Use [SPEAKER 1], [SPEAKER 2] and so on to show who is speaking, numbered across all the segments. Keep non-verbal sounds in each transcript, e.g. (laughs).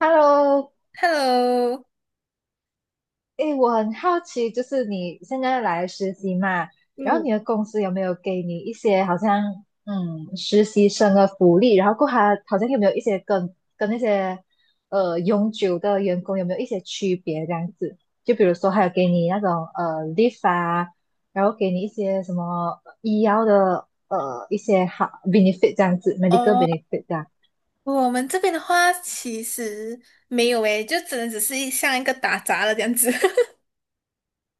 [SPEAKER 1] Hello。
[SPEAKER 2] Hello，
[SPEAKER 1] 诶，我很好奇，就是你现在来实习嘛，然后
[SPEAKER 2] 嗯，
[SPEAKER 1] 你的公司有没有给你一些好像实习生的福利？然后过后还好像有没有一些跟那些永久的员工有没有一些区别这样子？就比如说还有给你那种leave 啊，然后给你一些什么医药的一些好 benefit 这样子，medical
[SPEAKER 2] 哦，
[SPEAKER 1] benefit 这样。
[SPEAKER 2] 我们这边的话其实没有诶，就只能只是一像一个打杂的这样子。(laughs)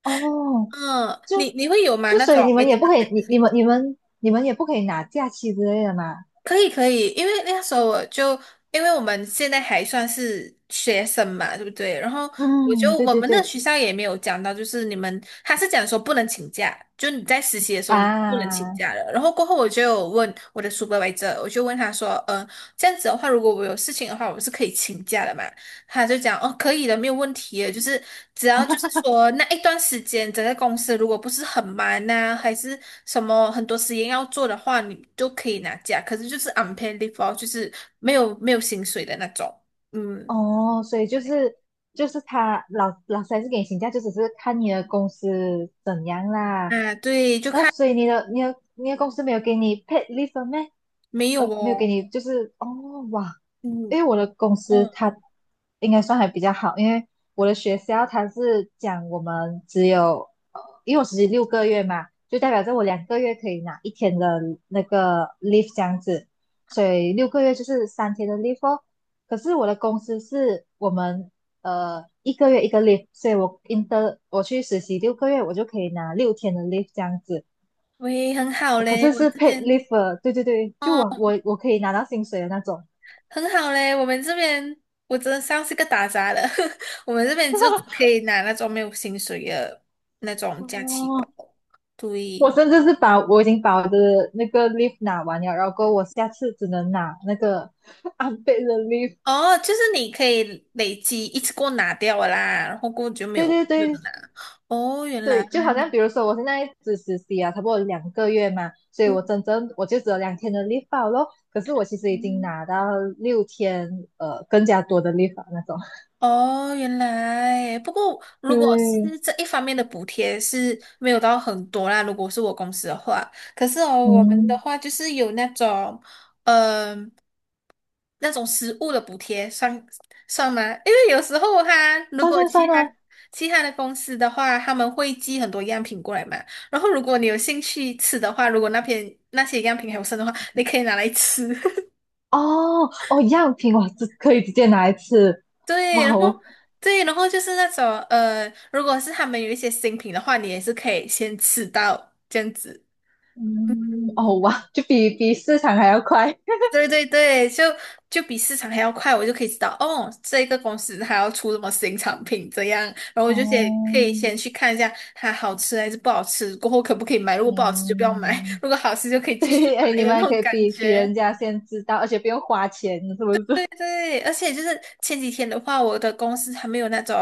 [SPEAKER 1] 哦，
[SPEAKER 2] 嗯，
[SPEAKER 1] 就
[SPEAKER 2] 你会有吗？那
[SPEAKER 1] 所
[SPEAKER 2] 种
[SPEAKER 1] 以你们也不
[SPEAKER 2] medical？
[SPEAKER 1] 可以，你你
[SPEAKER 2] benefit？
[SPEAKER 1] 们你们你们也不可以拿假期之类的嘛。
[SPEAKER 2] 可以可以，因为那时候我就，因为我们现在还算是学生嘛，对不对？然后
[SPEAKER 1] 嗯，对
[SPEAKER 2] 我
[SPEAKER 1] 对
[SPEAKER 2] 们的
[SPEAKER 1] 对
[SPEAKER 2] 学校也没有讲到，就是你们他是讲说不能请假，就你在实习的时候你不能请
[SPEAKER 1] 啊。
[SPEAKER 2] 假的。然后过后我就有问我的 supervisor，我就问他说，这样子的话，如果我有事情的话，我是可以请假的嘛？他就讲哦，可以的，没有问题的，就是只要就是说那一段时间，整个公司如果不是很忙呐、还是什么很多实验要做的话，你就可以拿假，可是就是 unpaid leave 哦，就是没有没有薪水的那种。嗯
[SPEAKER 1] 哦，所以就是他老师还是给你请假，就只是看你的公司怎样啦。
[SPEAKER 2] 啊，对，就
[SPEAKER 1] 然后
[SPEAKER 2] 看
[SPEAKER 1] 所以你的公司没有给你 paid leave 吗？
[SPEAKER 2] 没有
[SPEAKER 1] 呃，没有给
[SPEAKER 2] 哦。
[SPEAKER 1] 你，就是哦，哇，因
[SPEAKER 2] 嗯
[SPEAKER 1] 为我的公司
[SPEAKER 2] 嗯，
[SPEAKER 1] 它应该算还比较好，因为我的学校它是讲我们只有，因为我实习六个月嘛，就代表着我两个月可以拿一天的那个 leave 这样子，所以6个月就是3天的 leave 哦。可是我的公司是我们1个月一个 leave，所以我去实习六个月，我就可以拿六天的 leave 这样子，
[SPEAKER 2] 喂，很好
[SPEAKER 1] 可
[SPEAKER 2] 嘞，
[SPEAKER 1] 是
[SPEAKER 2] 我
[SPEAKER 1] 是
[SPEAKER 2] 这
[SPEAKER 1] paid
[SPEAKER 2] 边
[SPEAKER 1] leave的。对对对，就我可以拿到薪水的那种。
[SPEAKER 2] 很好嘞，我们这边我真的像是个打杂的，(laughs) 我们这边就只可以拿那种没有薪水的那种假期吧。
[SPEAKER 1] 哦，我
[SPEAKER 2] 对。
[SPEAKER 1] 甚至是把我已经把我的那个 leave 拿完了，然后我下次只能拿那个 (laughs) unpaid 的 leave。
[SPEAKER 2] 哦，就是你可以累积一次过拿掉了啦，然后过后就没有
[SPEAKER 1] 对对
[SPEAKER 2] 没有
[SPEAKER 1] 对
[SPEAKER 2] 拿。哦，原来，
[SPEAKER 1] 对，就好像比如说我现在只实习啊，差不多两个月嘛，所以我
[SPEAKER 2] 嗯，
[SPEAKER 1] 真正我就只有2天的 leave 罢咯。可是我其实已经
[SPEAKER 2] 嗯
[SPEAKER 1] 拿到六天，更加多的 leave 啊那种。
[SPEAKER 2] 哦，原来。不过如果
[SPEAKER 1] 对。
[SPEAKER 2] 是这一方面的补贴是没有到很多啦，如果是我公司的话，可是哦，我们的
[SPEAKER 1] 嗯，
[SPEAKER 2] 话就是有那种，嗯。那种食物的补贴算算吗？因为有时候他如
[SPEAKER 1] 算
[SPEAKER 2] 果
[SPEAKER 1] 算
[SPEAKER 2] 其
[SPEAKER 1] 算
[SPEAKER 2] 他
[SPEAKER 1] 啊。
[SPEAKER 2] 其他的公司的话，他们会寄很多样品过来嘛。然后如果你有兴趣吃的话，如果那边那些样品还有剩的话，你可以拿来吃。
[SPEAKER 1] 哦哦，样品我这可以直接拿一次。
[SPEAKER 2] (laughs) 对，
[SPEAKER 1] 哇
[SPEAKER 2] 然后
[SPEAKER 1] 哦。
[SPEAKER 2] 对，然后就是那种如果是他们有一些新品的话，你也是可以先吃到这样子。
[SPEAKER 1] 嗯，哦哇，就比市场还要快。
[SPEAKER 2] (laughs) 对对对，就比市场还要快，我就可以知道哦，这个公司它要出什么新产品这样，然后我就先可
[SPEAKER 1] 哦。
[SPEAKER 2] 以先去看一下它好吃还是不好吃，过后可不可以买，如果不好吃就不要买，
[SPEAKER 1] 嗯。
[SPEAKER 2] 如果好吃就可以
[SPEAKER 1] (laughs)
[SPEAKER 2] 继续
[SPEAKER 1] 对，哎，
[SPEAKER 2] 买
[SPEAKER 1] 你
[SPEAKER 2] 的
[SPEAKER 1] 们
[SPEAKER 2] 那
[SPEAKER 1] 还可
[SPEAKER 2] 种
[SPEAKER 1] 以
[SPEAKER 2] 感
[SPEAKER 1] 比人
[SPEAKER 2] 觉。
[SPEAKER 1] 家先知道，而且不用花钱，是不是？(laughs)
[SPEAKER 2] 对，而且就是前几天的话，我的公司还没有那种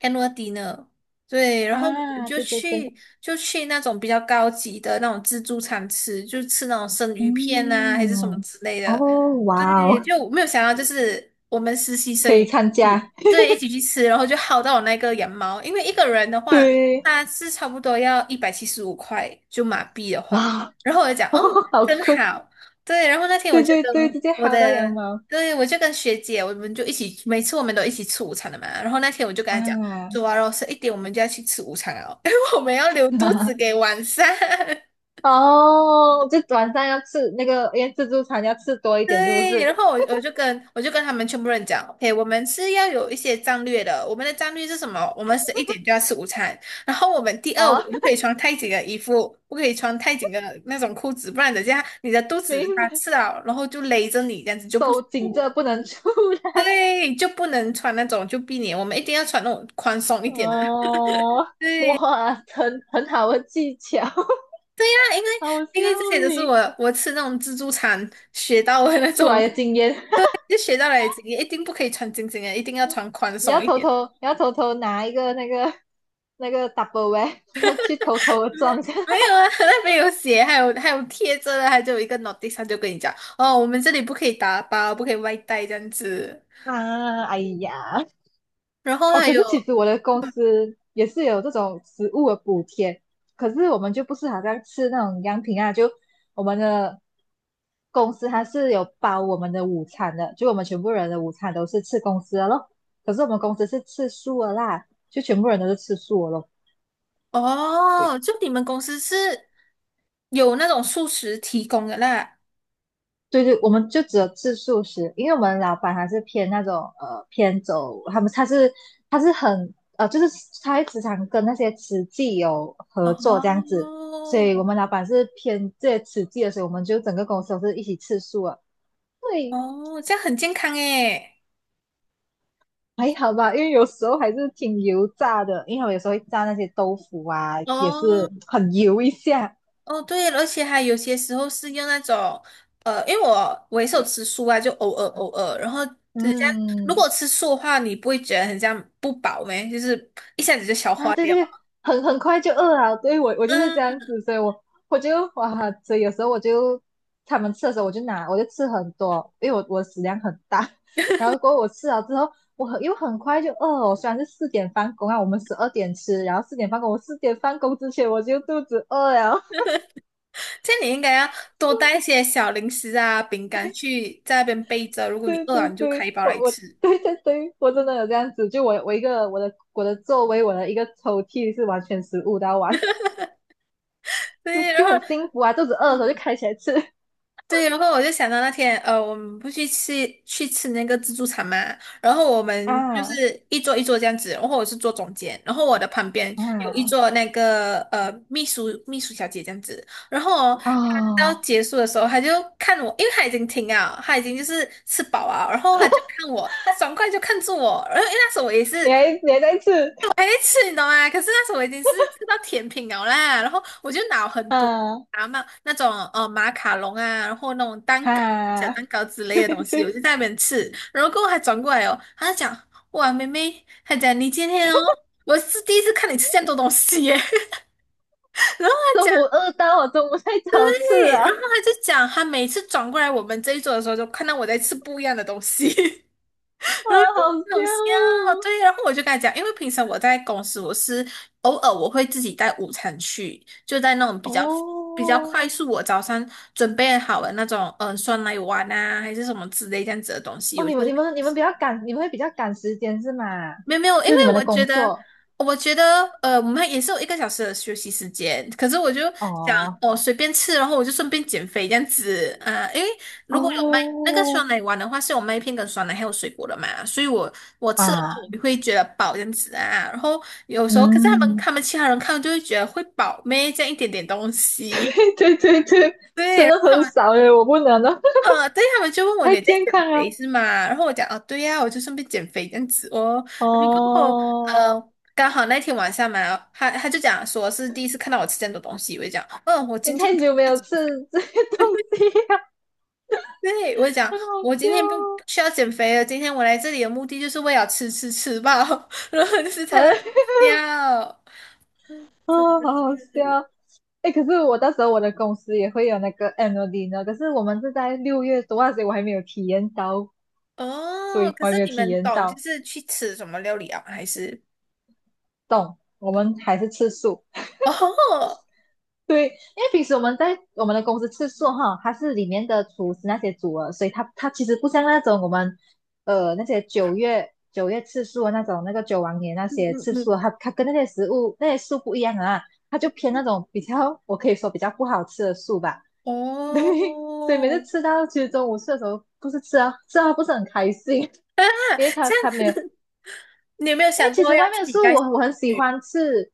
[SPEAKER 2] annual dinner，对，然后我们
[SPEAKER 1] 啊，
[SPEAKER 2] 就
[SPEAKER 1] 对对对。
[SPEAKER 2] 去就去那种比较高级的那种自助餐吃，就吃那种生鱼片啊，还是什么
[SPEAKER 1] 嗯，
[SPEAKER 2] 之类的。
[SPEAKER 1] 哦，哇
[SPEAKER 2] 对，
[SPEAKER 1] 哦，
[SPEAKER 2] 就我没有想到，就是我们实习
[SPEAKER 1] 可
[SPEAKER 2] 生也
[SPEAKER 1] 以参
[SPEAKER 2] 一起，
[SPEAKER 1] 加。
[SPEAKER 2] 对，一起去吃，然后就薅到我那个羊毛，因为一个人的话，
[SPEAKER 1] 对，
[SPEAKER 2] 他是差不多要175块，就马币的话，
[SPEAKER 1] 哇。
[SPEAKER 2] 然后我就讲，
[SPEAKER 1] (laughs) 哦，
[SPEAKER 2] 哦，
[SPEAKER 1] 好
[SPEAKER 2] 真
[SPEAKER 1] 亏。
[SPEAKER 2] 好，对，然后那天我
[SPEAKER 1] 对
[SPEAKER 2] 就
[SPEAKER 1] 对对，
[SPEAKER 2] 跟
[SPEAKER 1] 直接
[SPEAKER 2] 我
[SPEAKER 1] 薅到羊
[SPEAKER 2] 的。
[SPEAKER 1] 毛
[SPEAKER 2] 对，我就跟学姐，我们就一起，每次我们都一起吃午餐的嘛。然后那天我就跟她讲，
[SPEAKER 1] 啊。
[SPEAKER 2] 走啊，完肉十一点，我们就要去吃午餐了哦，因为我们要留肚子给
[SPEAKER 1] (laughs)
[SPEAKER 2] 晚上。(laughs)
[SPEAKER 1] 哦，就晚上要吃那个，因为自助餐要吃多一点，是不
[SPEAKER 2] 对，
[SPEAKER 1] 是？
[SPEAKER 2] 然后我就跟他们全部人讲，OK，我们是要有一些战略的。我们的战略是什么？我们十一点就要吃午餐，然后我们第二，我们
[SPEAKER 1] 哦。
[SPEAKER 2] 不可以穿太紧的衣服，不可以穿太紧的那种裤子，不然等下你的肚
[SPEAKER 1] (laughs)
[SPEAKER 2] 子
[SPEAKER 1] 明
[SPEAKER 2] 它
[SPEAKER 1] 白，
[SPEAKER 2] 吃了，然后就勒着你，这样子就不舒
[SPEAKER 1] 手紧
[SPEAKER 2] 服。
[SPEAKER 1] 着不能出来。
[SPEAKER 2] 对，就不能穿那种就避免，我们一定要穿那种宽松一点的。(laughs)
[SPEAKER 1] 哦，哇，很好的技巧。(laughs)
[SPEAKER 2] 那因为
[SPEAKER 1] 好
[SPEAKER 2] 因
[SPEAKER 1] 羡
[SPEAKER 2] 为这些
[SPEAKER 1] 慕
[SPEAKER 2] 都是
[SPEAKER 1] 你
[SPEAKER 2] 我吃那种自助餐学到的那
[SPEAKER 1] 出
[SPEAKER 2] 种，
[SPEAKER 1] 来的经验。(laughs)
[SPEAKER 2] 就学到了经验一定不可以穿紧紧的，一定要穿宽松一点。
[SPEAKER 1] 你要偷偷拿一个那个 double 然后去偷偷的撞下。
[SPEAKER 2] 没有
[SPEAKER 1] (laughs)
[SPEAKER 2] 啊，(laughs) 那边有写，还有贴着的，还有一个 notice，他就跟你讲哦，我们这里不可以打包，不可以外带这样子。
[SPEAKER 1] 啊，哎呀。
[SPEAKER 2] 然后
[SPEAKER 1] 哦，
[SPEAKER 2] 还
[SPEAKER 1] 可
[SPEAKER 2] 有
[SPEAKER 1] 是其实我的公司也是有这种食物的补贴，可是我们就不是好像吃那种样品啊，就我们的公司它是有包我们的午餐的，就我们全部人的午餐都是吃公司的咯。可是我们公司是吃素的啦，就全部人都是吃素的咯。
[SPEAKER 2] 哦，
[SPEAKER 1] 对
[SPEAKER 2] 就你们公司是有那种素食提供的啦。
[SPEAKER 1] 对对，我们就只有吃素食，因为我们老板还是偏那种偏走，他是很，就是他会时常跟那些慈济有合
[SPEAKER 2] 哦，
[SPEAKER 1] 作这样子，所以我们老板是偏这些慈济的，所以我们就整个公司都是一起吃素啊。对。
[SPEAKER 2] 哦，这样很健康诶。
[SPEAKER 1] 还好吧，因为有时候还是挺油炸的，因为我有时候会炸那些豆腐啊，也
[SPEAKER 2] 哦
[SPEAKER 1] 是很油一下。
[SPEAKER 2] 哦，对，而且还有些时候是用那种，因为我也是有吃素啊，就偶尔偶尔。然后如
[SPEAKER 1] 嗯。
[SPEAKER 2] 果吃素的话，你不会觉得很像不饱咩？就是一下子就消
[SPEAKER 1] 啊，
[SPEAKER 2] 化
[SPEAKER 1] 对
[SPEAKER 2] 掉
[SPEAKER 1] 对对，
[SPEAKER 2] 了
[SPEAKER 1] 很快就饿了。对，我就
[SPEAKER 2] 嗯，
[SPEAKER 1] 是这样子，所以我就哇，所以有时候我就他们吃的时候，我就吃很多，因为我食量很大。(laughs) 然后过后我吃了之后，又很快就饿了。我虽然是四点放工啊，我们12点吃，然后四点放工，我四点放工之前我就肚子饿了。
[SPEAKER 2] 这样你应该要多带一些小零食啊、饼干去在那边备着。如
[SPEAKER 1] (laughs)
[SPEAKER 2] 果你
[SPEAKER 1] 对
[SPEAKER 2] 饿了，
[SPEAKER 1] 对
[SPEAKER 2] 你就开
[SPEAKER 1] 对，
[SPEAKER 2] 一包来吃。
[SPEAKER 1] 对对对，我真的有这样子，就我我一个我的座位，我的一个抽屉是完全食物的完，(laughs) 就
[SPEAKER 2] 对，然
[SPEAKER 1] 就
[SPEAKER 2] 后
[SPEAKER 1] 很幸福啊，肚子饿的时候就开起来吃。(laughs)
[SPEAKER 2] 对，然后我就想到那天，我们不去吃去吃那个自助餐嘛，然后我们就
[SPEAKER 1] 啊。
[SPEAKER 2] 是一桌一桌这样子，然后我是坐中间，然后我的旁边有一
[SPEAKER 1] 啊。
[SPEAKER 2] 桌那个秘书小姐这样子，然后哦她到
[SPEAKER 1] 哦，
[SPEAKER 2] 结束的时候，她就看我，因为她已经停了，她已经就是吃饱啊，然后她就看我，她爽快就看住我，然后因为那时候我也是
[SPEAKER 1] 你还在吃
[SPEAKER 2] 哎，吃你懂吗？可是那时候我已经是吃到甜品了啦，然后我就拿很多
[SPEAKER 1] 啊
[SPEAKER 2] 啊嘛那种马卡龙啊，然后那种蛋糕、小
[SPEAKER 1] 哈。
[SPEAKER 2] 蛋糕之
[SPEAKER 1] (laughs)
[SPEAKER 2] 类
[SPEAKER 1] 对
[SPEAKER 2] 的东西，我就
[SPEAKER 1] 对，
[SPEAKER 2] 在那边吃。然后过后还转过来哦，他就讲哇妹妹，他讲你今天哦，我是第一次看你吃这样多东西耶。(laughs)
[SPEAKER 1] 中
[SPEAKER 2] 讲，
[SPEAKER 1] 午饿到我中午太想吃
[SPEAKER 2] 对，然后
[SPEAKER 1] 啊。
[SPEAKER 2] 他就讲他每次转过来我们这一桌的时候，就看到我在吃不一样的东西。(laughs)
[SPEAKER 1] (laughs) 哇，
[SPEAKER 2] 然后
[SPEAKER 1] 好香
[SPEAKER 2] 就好笑，对，然后我就跟他讲，因为平常我在公司，我是偶尔我会自己带午餐去，就在那种比
[SPEAKER 1] 哦。
[SPEAKER 2] 较比较快
[SPEAKER 1] 哦
[SPEAKER 2] 速，我早上准备好了那种，嗯、酸奶碗啊，还是什么之类这样子的东西，
[SPEAKER 1] 哦，
[SPEAKER 2] 我
[SPEAKER 1] 你
[SPEAKER 2] 就
[SPEAKER 1] 们你
[SPEAKER 2] 会
[SPEAKER 1] 们你们比较赶，你们会比较赶时间是吗？
[SPEAKER 2] 没有没有，因
[SPEAKER 1] 就你
[SPEAKER 2] 为
[SPEAKER 1] 们的
[SPEAKER 2] 我觉
[SPEAKER 1] 工
[SPEAKER 2] 得，
[SPEAKER 1] 作。
[SPEAKER 2] 我觉得，我们也是有一个小时的休息时间，可是我就想，
[SPEAKER 1] 哦
[SPEAKER 2] 哦，随便吃，然后我就顺便减肥这样子，啊、因为如果有麦那个
[SPEAKER 1] 哦。
[SPEAKER 2] 酸奶碗的话，是有麦片跟酸奶还有水果的嘛，所以我吃的话，
[SPEAKER 1] 啊。
[SPEAKER 2] 我会觉得饱这样子啊，然后有时候，可是他们
[SPEAKER 1] 嗯。
[SPEAKER 2] 他们其他人看就会觉得会饱咩，这样一点点东西，
[SPEAKER 1] (laughs) 对对对对，
[SPEAKER 2] (laughs) 对，
[SPEAKER 1] 真
[SPEAKER 2] 然
[SPEAKER 1] 的
[SPEAKER 2] 后他
[SPEAKER 1] 很
[SPEAKER 2] 们。
[SPEAKER 1] 少耶，我不能了。
[SPEAKER 2] 对，他们就问
[SPEAKER 1] (laughs)
[SPEAKER 2] 我
[SPEAKER 1] 太
[SPEAKER 2] 你在
[SPEAKER 1] 健
[SPEAKER 2] 减
[SPEAKER 1] 康
[SPEAKER 2] 肥
[SPEAKER 1] 了。
[SPEAKER 2] 是吗？然后我讲哦，对呀、我就顺便减肥这样子哦。然后
[SPEAKER 1] 哦，
[SPEAKER 2] 刚好那天晚上嘛，他就讲说是第一次看到我吃这样多东西，我就讲，嗯，我
[SPEAKER 1] 你
[SPEAKER 2] 今天
[SPEAKER 1] 太
[SPEAKER 2] 不，
[SPEAKER 1] 久没有吃这些东西了。
[SPEAKER 2] 对，我就
[SPEAKER 1] (laughs)
[SPEAKER 2] 讲
[SPEAKER 1] 很好
[SPEAKER 2] 我
[SPEAKER 1] 笑
[SPEAKER 2] 今天不
[SPEAKER 1] 哦。
[SPEAKER 2] 需要减肥了，今天我来这里的目的就是为了吃饱，(laughs) 然后就是
[SPEAKER 1] (laughs)
[SPEAKER 2] 在那
[SPEAKER 1] 哎。
[SPEAKER 2] 里笑，真
[SPEAKER 1] 啊，
[SPEAKER 2] 的
[SPEAKER 1] 好好
[SPEAKER 2] 是
[SPEAKER 1] 笑。哎，可是我到时候我的公司也会有那个 ANNLDI 可是我们是在6月多啊，所以我还没有体验到。
[SPEAKER 2] 哦。
[SPEAKER 1] 对，
[SPEAKER 2] 可
[SPEAKER 1] 我还
[SPEAKER 2] 是
[SPEAKER 1] 没有
[SPEAKER 2] 你
[SPEAKER 1] 体
[SPEAKER 2] 们
[SPEAKER 1] 验
[SPEAKER 2] 懂就
[SPEAKER 1] 到。
[SPEAKER 2] 是去吃什么料理啊？还是
[SPEAKER 1] 懂？我们还是吃素。
[SPEAKER 2] 哦，
[SPEAKER 1] 对，因为平时我们在我们的公司吃素哈，它是里面的厨师那些煮的，所以它其实不像那种我们那些九月吃素的那种那个九王爷那
[SPEAKER 2] 嗯
[SPEAKER 1] 些
[SPEAKER 2] 嗯
[SPEAKER 1] 吃
[SPEAKER 2] 嗯，
[SPEAKER 1] 素的，它跟那些食物那些素不一样啊，它就偏那种比较我可以说比较不好吃的素吧。(laughs) 对，所以每次
[SPEAKER 2] 哦。
[SPEAKER 1] 吃到其实中午吃的时候，不是吃啊吃啊不是很开心，
[SPEAKER 2] (laughs) 啊，
[SPEAKER 1] 因为他
[SPEAKER 2] 这样
[SPEAKER 1] 他没有。
[SPEAKER 2] 子，(laughs) 你有没有
[SPEAKER 1] 因为
[SPEAKER 2] 想
[SPEAKER 1] 其
[SPEAKER 2] 过
[SPEAKER 1] 实
[SPEAKER 2] 要
[SPEAKER 1] 外面
[SPEAKER 2] 自
[SPEAKER 1] 的
[SPEAKER 2] 己
[SPEAKER 1] 食物
[SPEAKER 2] 带
[SPEAKER 1] 我
[SPEAKER 2] 去？
[SPEAKER 1] 我很喜欢吃。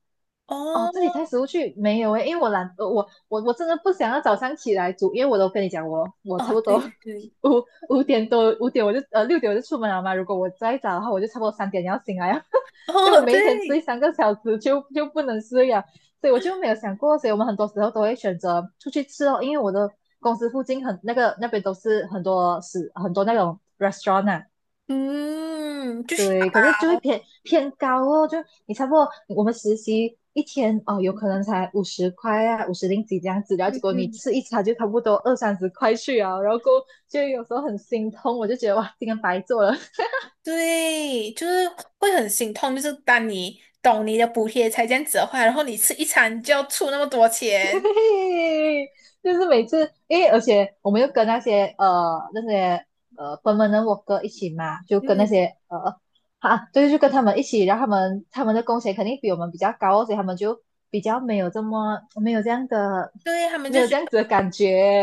[SPEAKER 1] 哦，自己
[SPEAKER 2] 哦，
[SPEAKER 1] 带食物去没有诶，因为我懒，我真的不想要早上起来煮，因为我都跟你讲，我差
[SPEAKER 2] 哦，
[SPEAKER 1] 不
[SPEAKER 2] 对
[SPEAKER 1] 多
[SPEAKER 2] 对对，
[SPEAKER 1] (laughs) 五五点我就6点我就出门了嘛。如果我再早的话，我就差不多3点要醒来了，(laughs) 所以我
[SPEAKER 2] 哦
[SPEAKER 1] 每一天睡
[SPEAKER 2] 对，
[SPEAKER 1] 3个小时就不能睡了，所以我就没有想过，所以我们很多时候都会选择出去吃哦，因为我的公司附近很那个那边都是很多很多那种 restaurant 啊。
[SPEAKER 2] 嗯，就是
[SPEAKER 1] 对，可是就会
[SPEAKER 2] 熬，
[SPEAKER 1] 偏高哦，就你差不多我们实习一天哦，有可能才50块啊，五十零几这样子，然后结
[SPEAKER 2] 嗯
[SPEAKER 1] 果你
[SPEAKER 2] 嗯，
[SPEAKER 1] 吃一餐就差不多二三十块去啊，然后过后就有时候很心痛，我就觉得哇，今天白做了。
[SPEAKER 2] 对，就是会很心痛，就是当你懂你的补贴才这样子的话，然后你吃一餐就要出那么多钱，
[SPEAKER 1] 嘿，就是每次，因为而且我们又跟那些 perm 哥一起嘛，就跟那
[SPEAKER 2] 嗯，
[SPEAKER 1] 些啊，对，就跟他们一起，然后他们的工钱肯定比我们比较高哦，所以他们就比较没有这么没有这样的
[SPEAKER 2] 对，他们
[SPEAKER 1] 没
[SPEAKER 2] 就
[SPEAKER 1] 有
[SPEAKER 2] 觉
[SPEAKER 1] 这样
[SPEAKER 2] 得，
[SPEAKER 1] 子的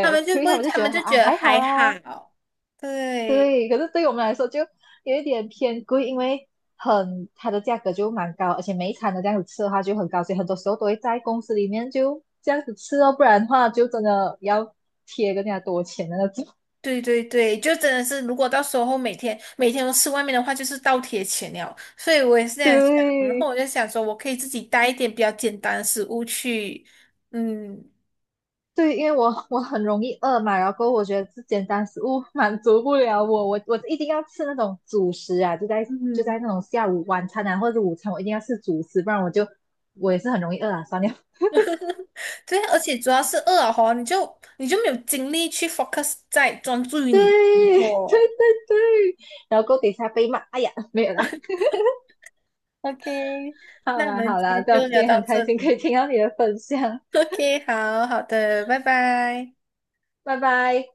[SPEAKER 2] 他们就
[SPEAKER 1] 所
[SPEAKER 2] 不
[SPEAKER 1] 以他
[SPEAKER 2] 会，
[SPEAKER 1] 们就
[SPEAKER 2] 他
[SPEAKER 1] 觉
[SPEAKER 2] 们
[SPEAKER 1] 得
[SPEAKER 2] 就觉
[SPEAKER 1] 啊
[SPEAKER 2] 得
[SPEAKER 1] 还好
[SPEAKER 2] 还
[SPEAKER 1] 啊。
[SPEAKER 2] 好，对。
[SPEAKER 1] 对，可是对我们来说就有一点偏贵，因为它的价格就蛮高，而且每一餐都这样子吃的话就很高，所以很多时候都会在公司里面就这样子吃哦，不然的话就真的要贴更加多钱的那种。
[SPEAKER 2] 对对对，就真的是，如果到时候每天每天都吃外面的话，就是倒贴钱了。所以我也是这
[SPEAKER 1] (laughs)
[SPEAKER 2] 样想，然后
[SPEAKER 1] 对
[SPEAKER 2] 我就想说，我可以自己带一点比较简单的食物去，嗯
[SPEAKER 1] 对，因为我很容易饿嘛，然后我觉得这简单食物满足不了我，我一定要吃那种主食啊，就在
[SPEAKER 2] 嗯，
[SPEAKER 1] 那种下午晚餐啊或者午餐，我一定要吃主食，不然我也是很容易饿啊，算了。
[SPEAKER 2] 对啊，而且主要是饿了吼你就没有精力去 focus 在专注于
[SPEAKER 1] 对。
[SPEAKER 2] 你的工
[SPEAKER 1] (laughs) 对
[SPEAKER 2] 作。
[SPEAKER 1] 对对，然后锅底下被骂，哎呀，没有啦，
[SPEAKER 2] OK，
[SPEAKER 1] 好
[SPEAKER 2] 那我
[SPEAKER 1] 啦
[SPEAKER 2] 们
[SPEAKER 1] 好
[SPEAKER 2] 今
[SPEAKER 1] 啦，
[SPEAKER 2] 天就
[SPEAKER 1] 今
[SPEAKER 2] 聊
[SPEAKER 1] 天
[SPEAKER 2] 到
[SPEAKER 1] 很开
[SPEAKER 2] 这
[SPEAKER 1] 心可
[SPEAKER 2] 里。
[SPEAKER 1] 以听到你的分享，
[SPEAKER 2] (laughs) OK，好好的，拜拜。
[SPEAKER 1] 拜拜。